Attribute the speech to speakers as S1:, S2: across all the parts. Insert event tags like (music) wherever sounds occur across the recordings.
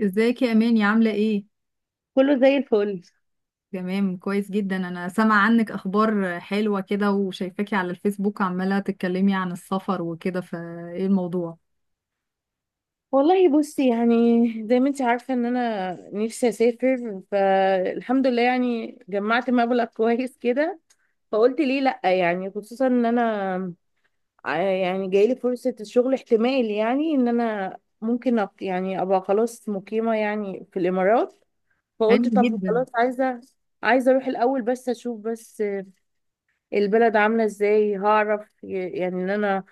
S1: ازيك يا اماني؟ عامله ايه؟
S2: كله زي الفل.
S1: تمام، كويس جدا. انا سامعه عنك اخبار حلوه كده وشايفاكي على الفيسبوك عماله تتكلمي عن السفر وكده، فايه الموضوع؟
S2: والله بصي، يعني زي ما انت عارفة ان انا نفسي اسافر، فالحمد لله يعني جمعت مبلغ (laughs) كويس كده. فقلت ليه لأ، يعني خصوصا ان انا يعني جايلي فرصة الشغل، احتمال يعني ان انا ممكن يعني ابقى خلاص مقيمة يعني في الامارات.
S1: حلو
S2: فقلت طب
S1: جدا.
S2: خلاص، عايزة اروح الاول بس اشوف بس البلد عاملة ازاي، هعرف يعني ان انا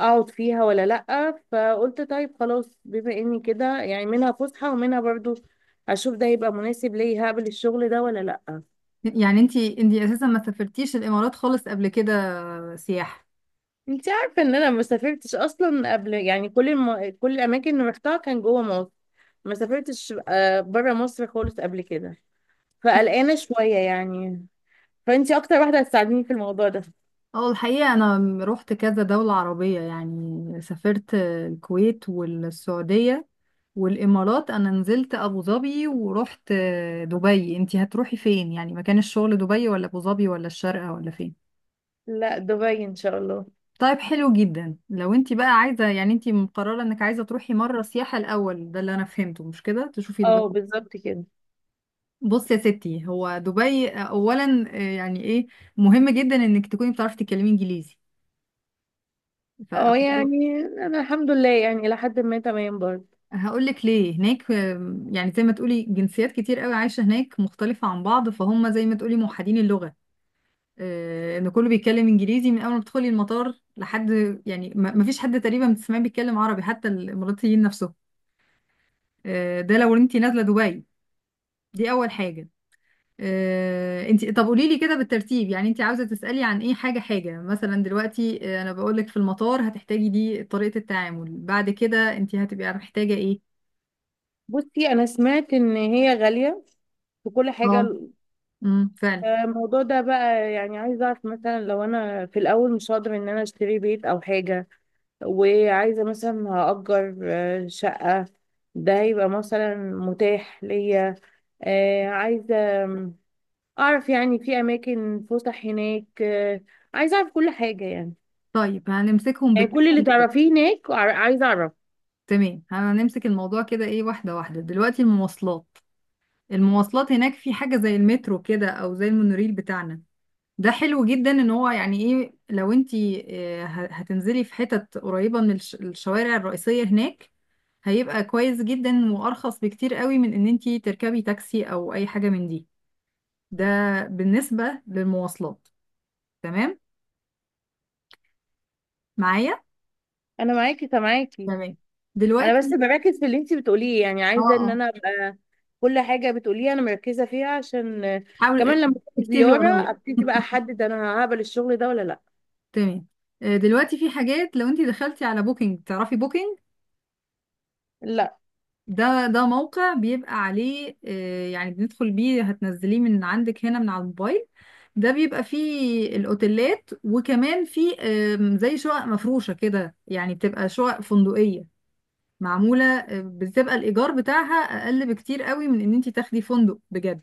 S2: اقعد فيها ولا لأ. فقلت طيب خلاص، بما اني كده يعني منها فسحة ومنها برضو اشوف ده يبقى مناسب ليا، هقبل الشغل ده ولا لأ.
S1: يعني انتي اساسا ما سافرتيش الامارات خالص قبل كده سياحه؟
S2: انت عارفة ان انا ما سافرتش اصلا قبل، يعني كل الاماكن اللي رحتها كان جوه مصر. ما سافرتش آه، بره مصر خالص قبل كده، فقلقانة شوية يعني. فانت اكتر واحدة هتساعديني في الموضوع ده.
S1: اه الحقيقه انا رحت كذا دوله عربيه، يعني سافرت الكويت والسعوديه والامارات. انا نزلت ابو ظبي ورحت دبي. انتي هتروحي فين يعني، مكان الشغل دبي ولا ابو ظبي ولا الشارقه ولا فين؟
S2: لا، دبي ان شاء الله.
S1: طيب حلو جدا. لو انت بقى عايزة، يعني انت مقررة انك عايزة تروحي مرة سياحة الأول، ده اللي انا فهمته، مش كده؟ تشوفي البلد.
S2: اه بالظبط كده.
S1: بص يا ستي، هو دبي اولا يعني ايه مهم جدا انك تكوني بتعرفي تتكلمي انجليزي.
S2: اه
S1: فهقول
S2: يعني انا الحمد لله يعني لحد ما تمام برضه.
S1: لك ليه هناك. يعني زي ما تقولي جنسيات كتير قوي عايشة هناك مختلفة عن بعض، فهم زي ما تقولي موحدين اللغة، ان كله بيتكلم انجليزي من اول ما تدخلي المطار لحد يعني ما فيش حد تقريبا بتسمعيه بيتكلم عربي، حتى الاماراتيين نفسهم، ده لو انت نازله دبي. دي اول حاجه. انت طب قولي لي كده بالترتيب، يعني انت عاوزه تسالي عن ايه؟ حاجه حاجه. مثلا دلوقتي انا بقول لك في المطار هتحتاجي دي طريقه التعامل، بعد كده انت هتبقي محتاجه ايه؟
S2: بصي، انا سمعت ان هي غالية في كل حاجة.
S1: اه، امم، فعلا.
S2: الموضوع ده بقى يعني عايزة اعرف، مثلا لو انا في الاول مش هقدر ان انا اشتري بيت او حاجة وعايزة مثلا هأجر آه، شقة، ده هيبقى مثلا متاح ليا؟ آه، عايزة اعرف يعني في اماكن فسح هناك. آه، عايزة اعرف كل حاجة يعني،
S1: طيب
S2: يعني كل اللي تعرفيه هناك عايزة اعرف.
S1: تمام، هنمسك الموضوع كده ايه، واحده واحده. دلوقتي المواصلات. المواصلات هناك في حاجه زي المترو كده او زي المونوريل بتاعنا. ده حلو جدا، ان هو يعني ايه، لو انتي هتنزلي في حتت قريبة من الشوارع الرئيسية هناك، هيبقى كويس جدا وارخص بكتير قوي من ان انتي تركبي تاكسي او اي حاجة من دي. ده بالنسبة للمواصلات. تمام معايا؟
S2: انا معاكي سامعاكي.
S1: تمام.
S2: انا بس
S1: دلوقتي
S2: بركز في اللي انتي بتقوليه، يعني
S1: اه،
S2: عايزة ان
S1: اه،
S2: انا ابقى كل حاجة بتقوليها أنا مركزة فيها، عشان آه،
S1: حاول
S2: كمان لما أروح
S1: اكتبي
S2: زيارة
S1: ورايا.
S2: أبتدي بقى أحدد أنا هقبل الشغل ده ولا لأ.
S1: تمام. دلوقتي في حاجات، لو انتي دخلتي على بوكينج، تعرفي بوكينج؟
S2: لأ.
S1: ده موقع بيبقى عليه يعني بندخل بيه، هتنزليه من عندك هنا من على الموبايل. ده بيبقى فيه الأوتيلات، وكمان فيه زي شقق مفروشة كده، يعني بتبقى شقق فندقية معمولة بتبقى الإيجار بتاعها أقل بكتير قوي من إن انت تاخدي فندق بجد.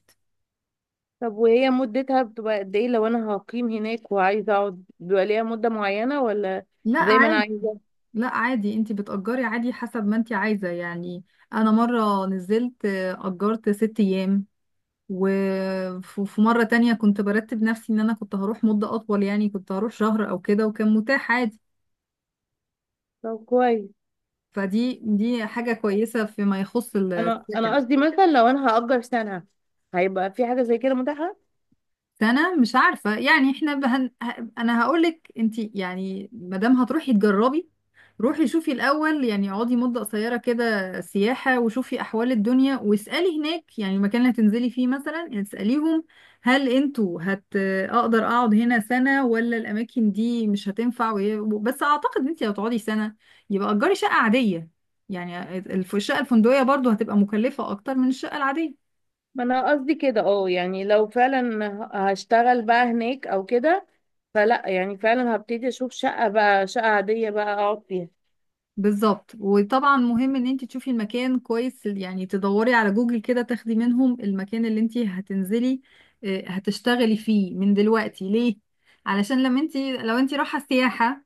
S2: طب وهي مدتها بتبقى قد إيه؟ لو أنا هقيم هناك وعايزة أقعد بيبقى ليها مدة معينة ولا
S1: لا
S2: زي ما أنا
S1: عادي.
S2: عايزة؟
S1: لا عادي، انت بتأجري عادي حسب ما انت عايزة يعني. أنا مرة نزلت أجرت ست أيام، وفي مرة تانية كنت برتب نفسي ان انا كنت هروح مدة اطول، يعني كنت هروح شهر او كده، وكان متاح عادي.
S2: طب كويس.
S1: فدي حاجة كويسة فيما يخص
S2: أنا
S1: السكن.
S2: أنا قصدي مثلا لو أنا هأجر سنة، هيبقى في حاجة زي كده متاحة؟
S1: سنة مش عارفة، يعني احنا انا هقولك انتي يعني، مادام هتروحي تجربي، روحي شوفي الأول، يعني اقعدي مدة قصيرة كده سياحة، وشوفي أحوال الدنيا، واسألي هناك، يعني المكان اللي هتنزلي فيه مثلا، يعني اسأليهم هل انتوا أقدر أقعد هنا سنة ولا الأماكن دي مش هتنفع؟ بس أعتقد انتي لو تقعدي سنة يبقى أجري شقة عادية، يعني الشقة الفندقية برضو هتبقى مكلفة أكتر من الشقة العادية.
S2: ما أنا قصدي كده، أه يعني لو فعلا هشتغل بقى هناك أو كده، فلأ يعني فعلا هبتدي أشوف شقة بقى، شقة عادية بقى أقعد فيها.
S1: بالظبط، وطبعا مهم ان انت تشوفي المكان كويس، يعني تدوري على جوجل كده، تاخدي منهم المكان اللي انت هتنزلي هتشتغلي فيه من دلوقتي، ليه؟ علشان لما انت، لو انت رايحه سياحه،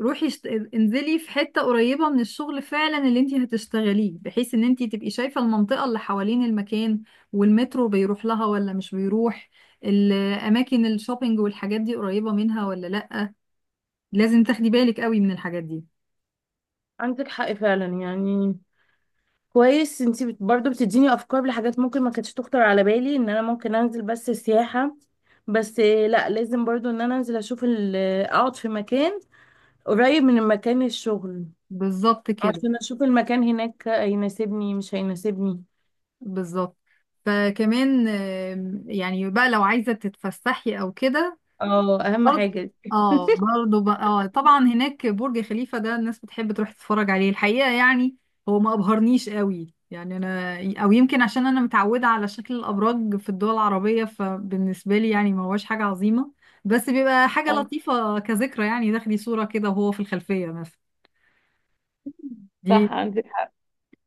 S1: روحي انزلي في حته قريبه من الشغل فعلا اللي انت هتشتغليه، بحيث ان انت تبقي شايفه المنطقه اللي حوالين المكان، والمترو بيروح لها ولا مش بيروح، الاماكن الشوبينج والحاجات دي قريبه منها ولا لا. لازم تاخدي بالك قوي من الحاجات دي.
S2: عندك حق فعلا يعني. كويس، انتي برضو بتديني افكار لحاجات ممكن ما كانتش تخطر على بالي، ان انا ممكن انزل بس سياحة، بس آه، لا لازم برضو ان انا انزل اشوف اقعد في مكان قريب من مكان الشغل
S1: بالظبط كده.
S2: عشان اشوف المكان هناك هيناسبني مش هيناسبني.
S1: بالظبط. فكمان يعني بقى لو عايزة تتفسحي او كده
S2: اه اهم
S1: برضه،
S2: حاجة دي.
S1: اه برضه بقى، اه طبعا هناك برج خليفة، ده الناس بتحب تروح تتفرج عليه. الحقيقة يعني هو ما ابهرنيش قوي، يعني انا او يمكن عشان انا متعودة على شكل الابراج في الدول العربية، فبالنسبة لي يعني ما هوش حاجة عظيمة، بس بيبقى حاجة لطيفة كذكرى، يعني تاخدي صورة كده وهو في الخلفية مثلا. دي
S2: صح، عندك حق.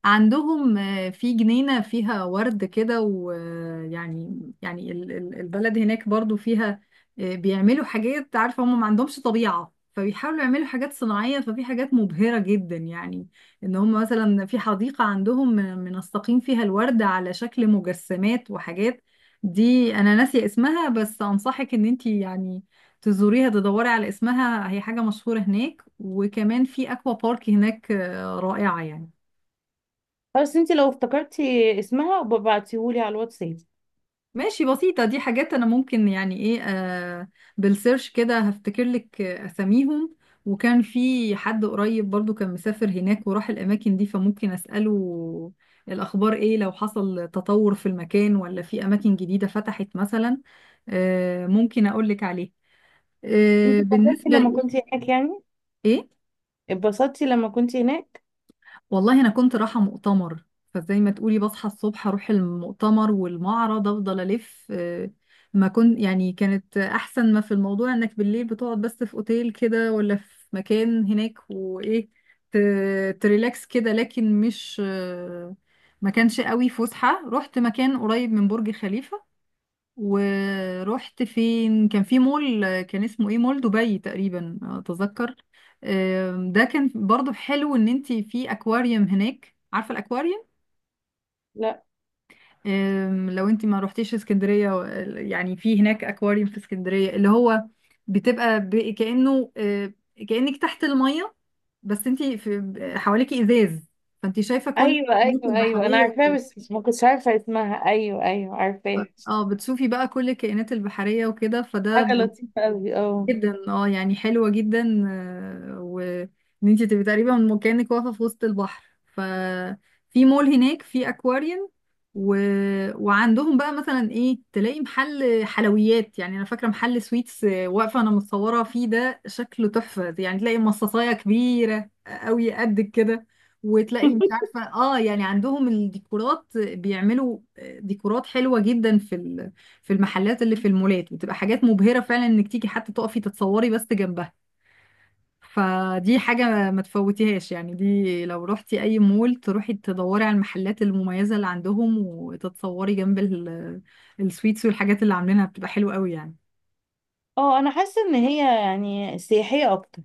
S1: عندهم في جنينة فيها ورد كده، ويعني يعني البلد هناك برضو فيها بيعملوا حاجات، عارفة هم ما عندهمش طبيعة، فبيحاولوا يعملوا حاجات صناعية، ففي حاجات مبهرة جدا يعني، ان هم مثلا في حديقة عندهم منسقين فيها الورد على شكل مجسمات وحاجات. دي انا ناسية اسمها، بس انصحك ان انتي يعني تزوريها، تدوري على اسمها، هي حاجة مشهورة هناك. وكمان في اكوا بارك هناك رائعة يعني.
S2: بس انتي لو افتكرتي اسمها وببعتيهولي على الواتساب.
S1: ماشي، بسيطة، دي حاجات أنا ممكن يعني إيه، آه، بالسيرش كده هفتكر لك أساميهم. وكان في حد قريب برضو كان مسافر هناك وراح الأماكن دي، فممكن أسأله الأخبار إيه، لو حصل تطور في المكان ولا في أماكن جديدة فتحت مثلا، آه ممكن أقول لك عليه. آه،
S2: انتي اتبسطتي
S1: بالنسبة
S2: لما كنتي
S1: لإيه؟
S2: هناك يعني؟ اتبسطتي لما كنتي هناك؟
S1: والله انا كنت رايحه مؤتمر، فزي ما تقولي بصحى الصبح اروح المؤتمر والمعرض، افضل الف ما كنت يعني، كانت احسن ما في الموضوع انك بالليل بتقعد بس في اوتيل كده ولا في مكان هناك، وايه تريلاكس كده، لكن مش ما كانش قوي فسحه. رحت مكان قريب من برج خليفه، ورحت فين، كان في مول كان اسمه ايه، مول دبي تقريبا اتذكر. ده كان برضو حلو، ان انت في اكواريوم هناك، عارفه الاكواريوم؟
S2: لا.
S1: لو انت ما روحتيش اسكندريه يعني في هناك اكواريوم في اسكندريه، اللي هو بتبقى كانه كانك تحت الميه، بس انت في حواليكي ازاز، فانت شايفه كل
S2: ايوه
S1: الكائنات
S2: ايوه ايوه انا
S1: البحريه.
S2: عارفاها، بس ما كنتش عارفه اسمها، ايوه ايوه عارفاها.
S1: اه بتشوفي بقى كل الكائنات البحريه وكده، فده
S2: حاجة لطيفة قوي، اه
S1: جدا اه يعني حلوة جدا. وان انت تبقي تقريبا من كأنك واقفة في وسط البحر، ففي مول هناك في اكواريوم و... وعندهم بقى مثلا ايه، تلاقي محل حلويات، يعني انا فاكرة محل سويتس واقفة انا متصورة فيه، ده شكله تحفة، يعني تلاقي مصاصاية كبيرة قوي قد كده، وتلاقي مش
S2: (laughs)
S1: عارفة اه، يعني عندهم الديكورات بيعملوا ديكورات حلوة جدا في في المحلات اللي في المولات، بتبقى حاجات مبهرة فعلا، انك تيجي حتى تقفي تتصوري بس جنبها. فدي حاجة ما تفوتيهاش يعني، دي لو رحتي أي مول تروحي تدوري على المحلات المميزة اللي عندهم، وتتصوري جنب السويتس والحاجات اللي عاملينها، بتبقى حلوة قوي يعني.
S2: اه انا حاسة ان هي يعني سياحية اكتر.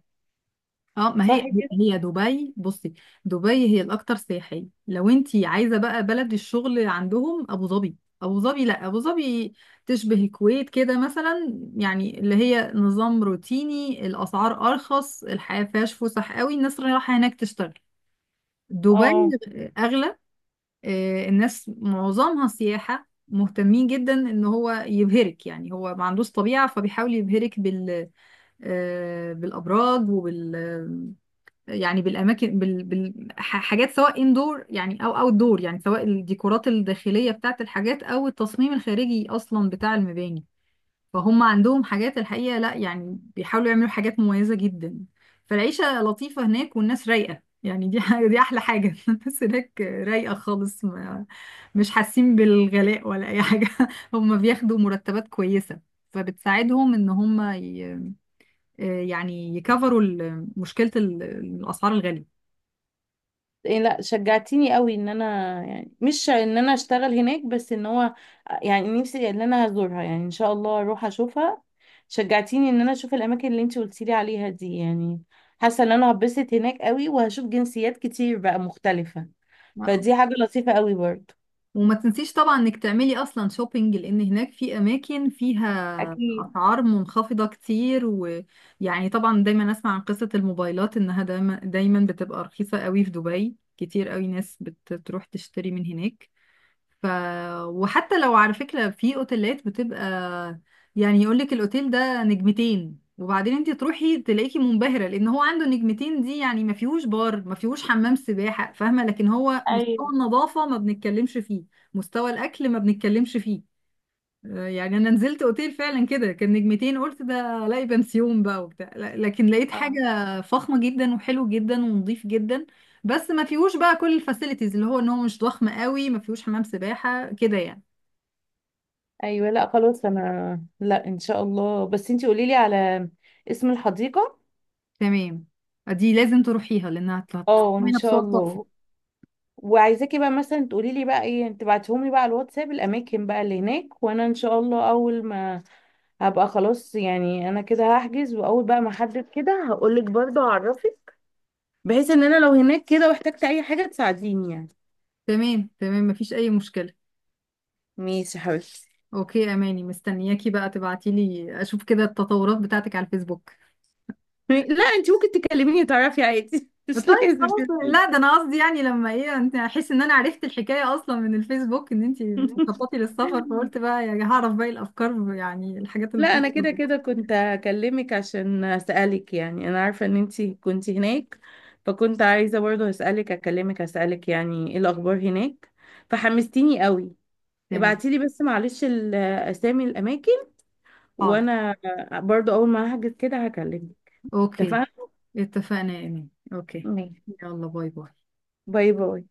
S1: اه، ما
S2: صح
S1: هي
S2: كده.
S1: هي دبي، بصي، دبي هي الاكثر سياحيه. لو انت عايزه بقى بلد الشغل، عندهم ابو ظبي. ابو ظبي، لا ابو ظبي تشبه الكويت كده مثلا، يعني اللي هي نظام روتيني، الاسعار ارخص، الحياه فيهاش فسح قوي، الناس رايحه هناك تشتغل. دبي
S2: اه،
S1: اغلى. الناس معظمها سياحه، مهتمين جدا ان هو يبهرك، يعني هو ما عندوش طبيعه، فبيحاول يبهرك بالابراج يعني بالاماكن، حاجات، سواء اندور يعني او اوت دور، يعني سواء الديكورات الداخليه بتاعت الحاجات او التصميم الخارجي اصلا بتاع المباني. فهم عندهم حاجات الحقيقه لا يعني، بيحاولوا يعملوا حاجات مميزه جدا. فالعيشه لطيفه هناك، والناس رايقه يعني، دي احلى حاجه. (laughs) الناس هناك رايقه خالص، ما... مش حاسين بالغلاء ولا اي حاجه. (laughs) هم بياخدوا مرتبات كويسه، فبتساعدهم ان هم ي... آه، يعني يكفروا مشكله الاسعار الغاليه.
S2: إيه لا شجعتيني قوي، ان انا يعني مش ان انا اشتغل هناك، بس ان هو يعني نفسي ان انا هزورها، يعني ان شاء الله اروح اشوفها. شجعتيني ان انا اشوف الاماكن اللي انتي قلتيلي عليها دي يعني. حاسة ان انا هتبسط هناك قوي، وهشوف جنسيات كتير بقى مختلفة، فدي حاجة لطيفة قوي برضو.
S1: وما تنسيش طبعا انك تعملي اصلا شوبينج، لان هناك في اماكن فيها
S2: أكيد.
S1: اسعار منخفضة كتير. ويعني طبعا دايما اسمع عن قصة الموبايلات، انها دايما بتبقى رخيصة قوي في دبي، كتير قوي ناس بتروح تشتري من هناك. ف وحتى لو على فكرة في اوتيلات بتبقى يعني يقولك الاوتيل ده نجمتين، وبعدين انت تروحي تلاقيكي منبهرة، لان هو عنده نجمتين دي يعني ما فيهوش بار، ما فيهوش حمام سباحة، فاهمة؟ لكن هو مستوى
S2: أيوة.
S1: النظافة ما بنتكلمش فيه، مستوى الاكل ما بنتكلمش فيه. يعني انا نزلت اوتيل فعلا كده كان نجمتين، قلت ده الاقي بنسيون بقى وبتاع، لكن لقيت حاجه فخمه جدا، وحلو جدا، ونظيف جدا، بس ما فيهوش بقى كل الفاسيلتيز، اللي هو ان هو مش ضخم قوي، ما فيهوش حمام سباحه كده يعني.
S2: ايوه لا خلاص، انا لا ان شاء الله، بس انتي قولي لي على اسم الحديقه.
S1: تمام، دي لازم تروحيها لانها
S2: اه ان
S1: هتعملها
S2: شاء
S1: بصور تحفه.
S2: الله. وعايزاكي بقى مثلا تقولي لي بقى، ايه تبعتيهم لي بقى على الواتساب الاماكن بقى اللي هناك، وانا ان شاء الله اول ما هبقى خلاص يعني انا كده هحجز، واول بقى ما احدد كده هقول لك برضه، هعرفك بحيث ان انا لو هناك كده واحتجت اي حاجه تساعديني يعني.
S1: تمام، تمام، ما فيش اي مشكله.
S2: ماشي يا حبيبتي.
S1: اوكي اماني، مستنياكي بقى تبعتي لي اشوف كده التطورات بتاعتك على الفيسبوك.
S2: لا انتي ممكن تكلميني تعرفي عادي (laughs)
S1: طيب
S2: مش لازم
S1: خلاص، لا ده انا قصدي يعني لما ايه، انت احس ان انا عرفت الحكايه اصلا من الفيسبوك، ان انت بتخططي للسفر، فقلت
S2: (laughs)
S1: بقى يعني هعرف باقي الافكار، يعني الحاجات اللي
S2: لا انا
S1: بتحصل.
S2: كده كده كنت هكلمك عشان اسالك، يعني انا عارفه ان انتي كنت هناك، فكنت عايزه برضه اكلمك اسالك يعني ايه الاخبار هناك، فحمستيني قوي.
S1: تمام،
S2: ابعتيلي بس معلش اسامي الاماكن،
S1: حاضر.
S2: وانا برضه اول ما هحجز كده هكلمك.
S1: اوكي.
S2: اتفقنا.
S1: اتفقنا يا ايمان، اوكي.
S2: ماشي.
S1: يلا باي باي.
S2: باي باي.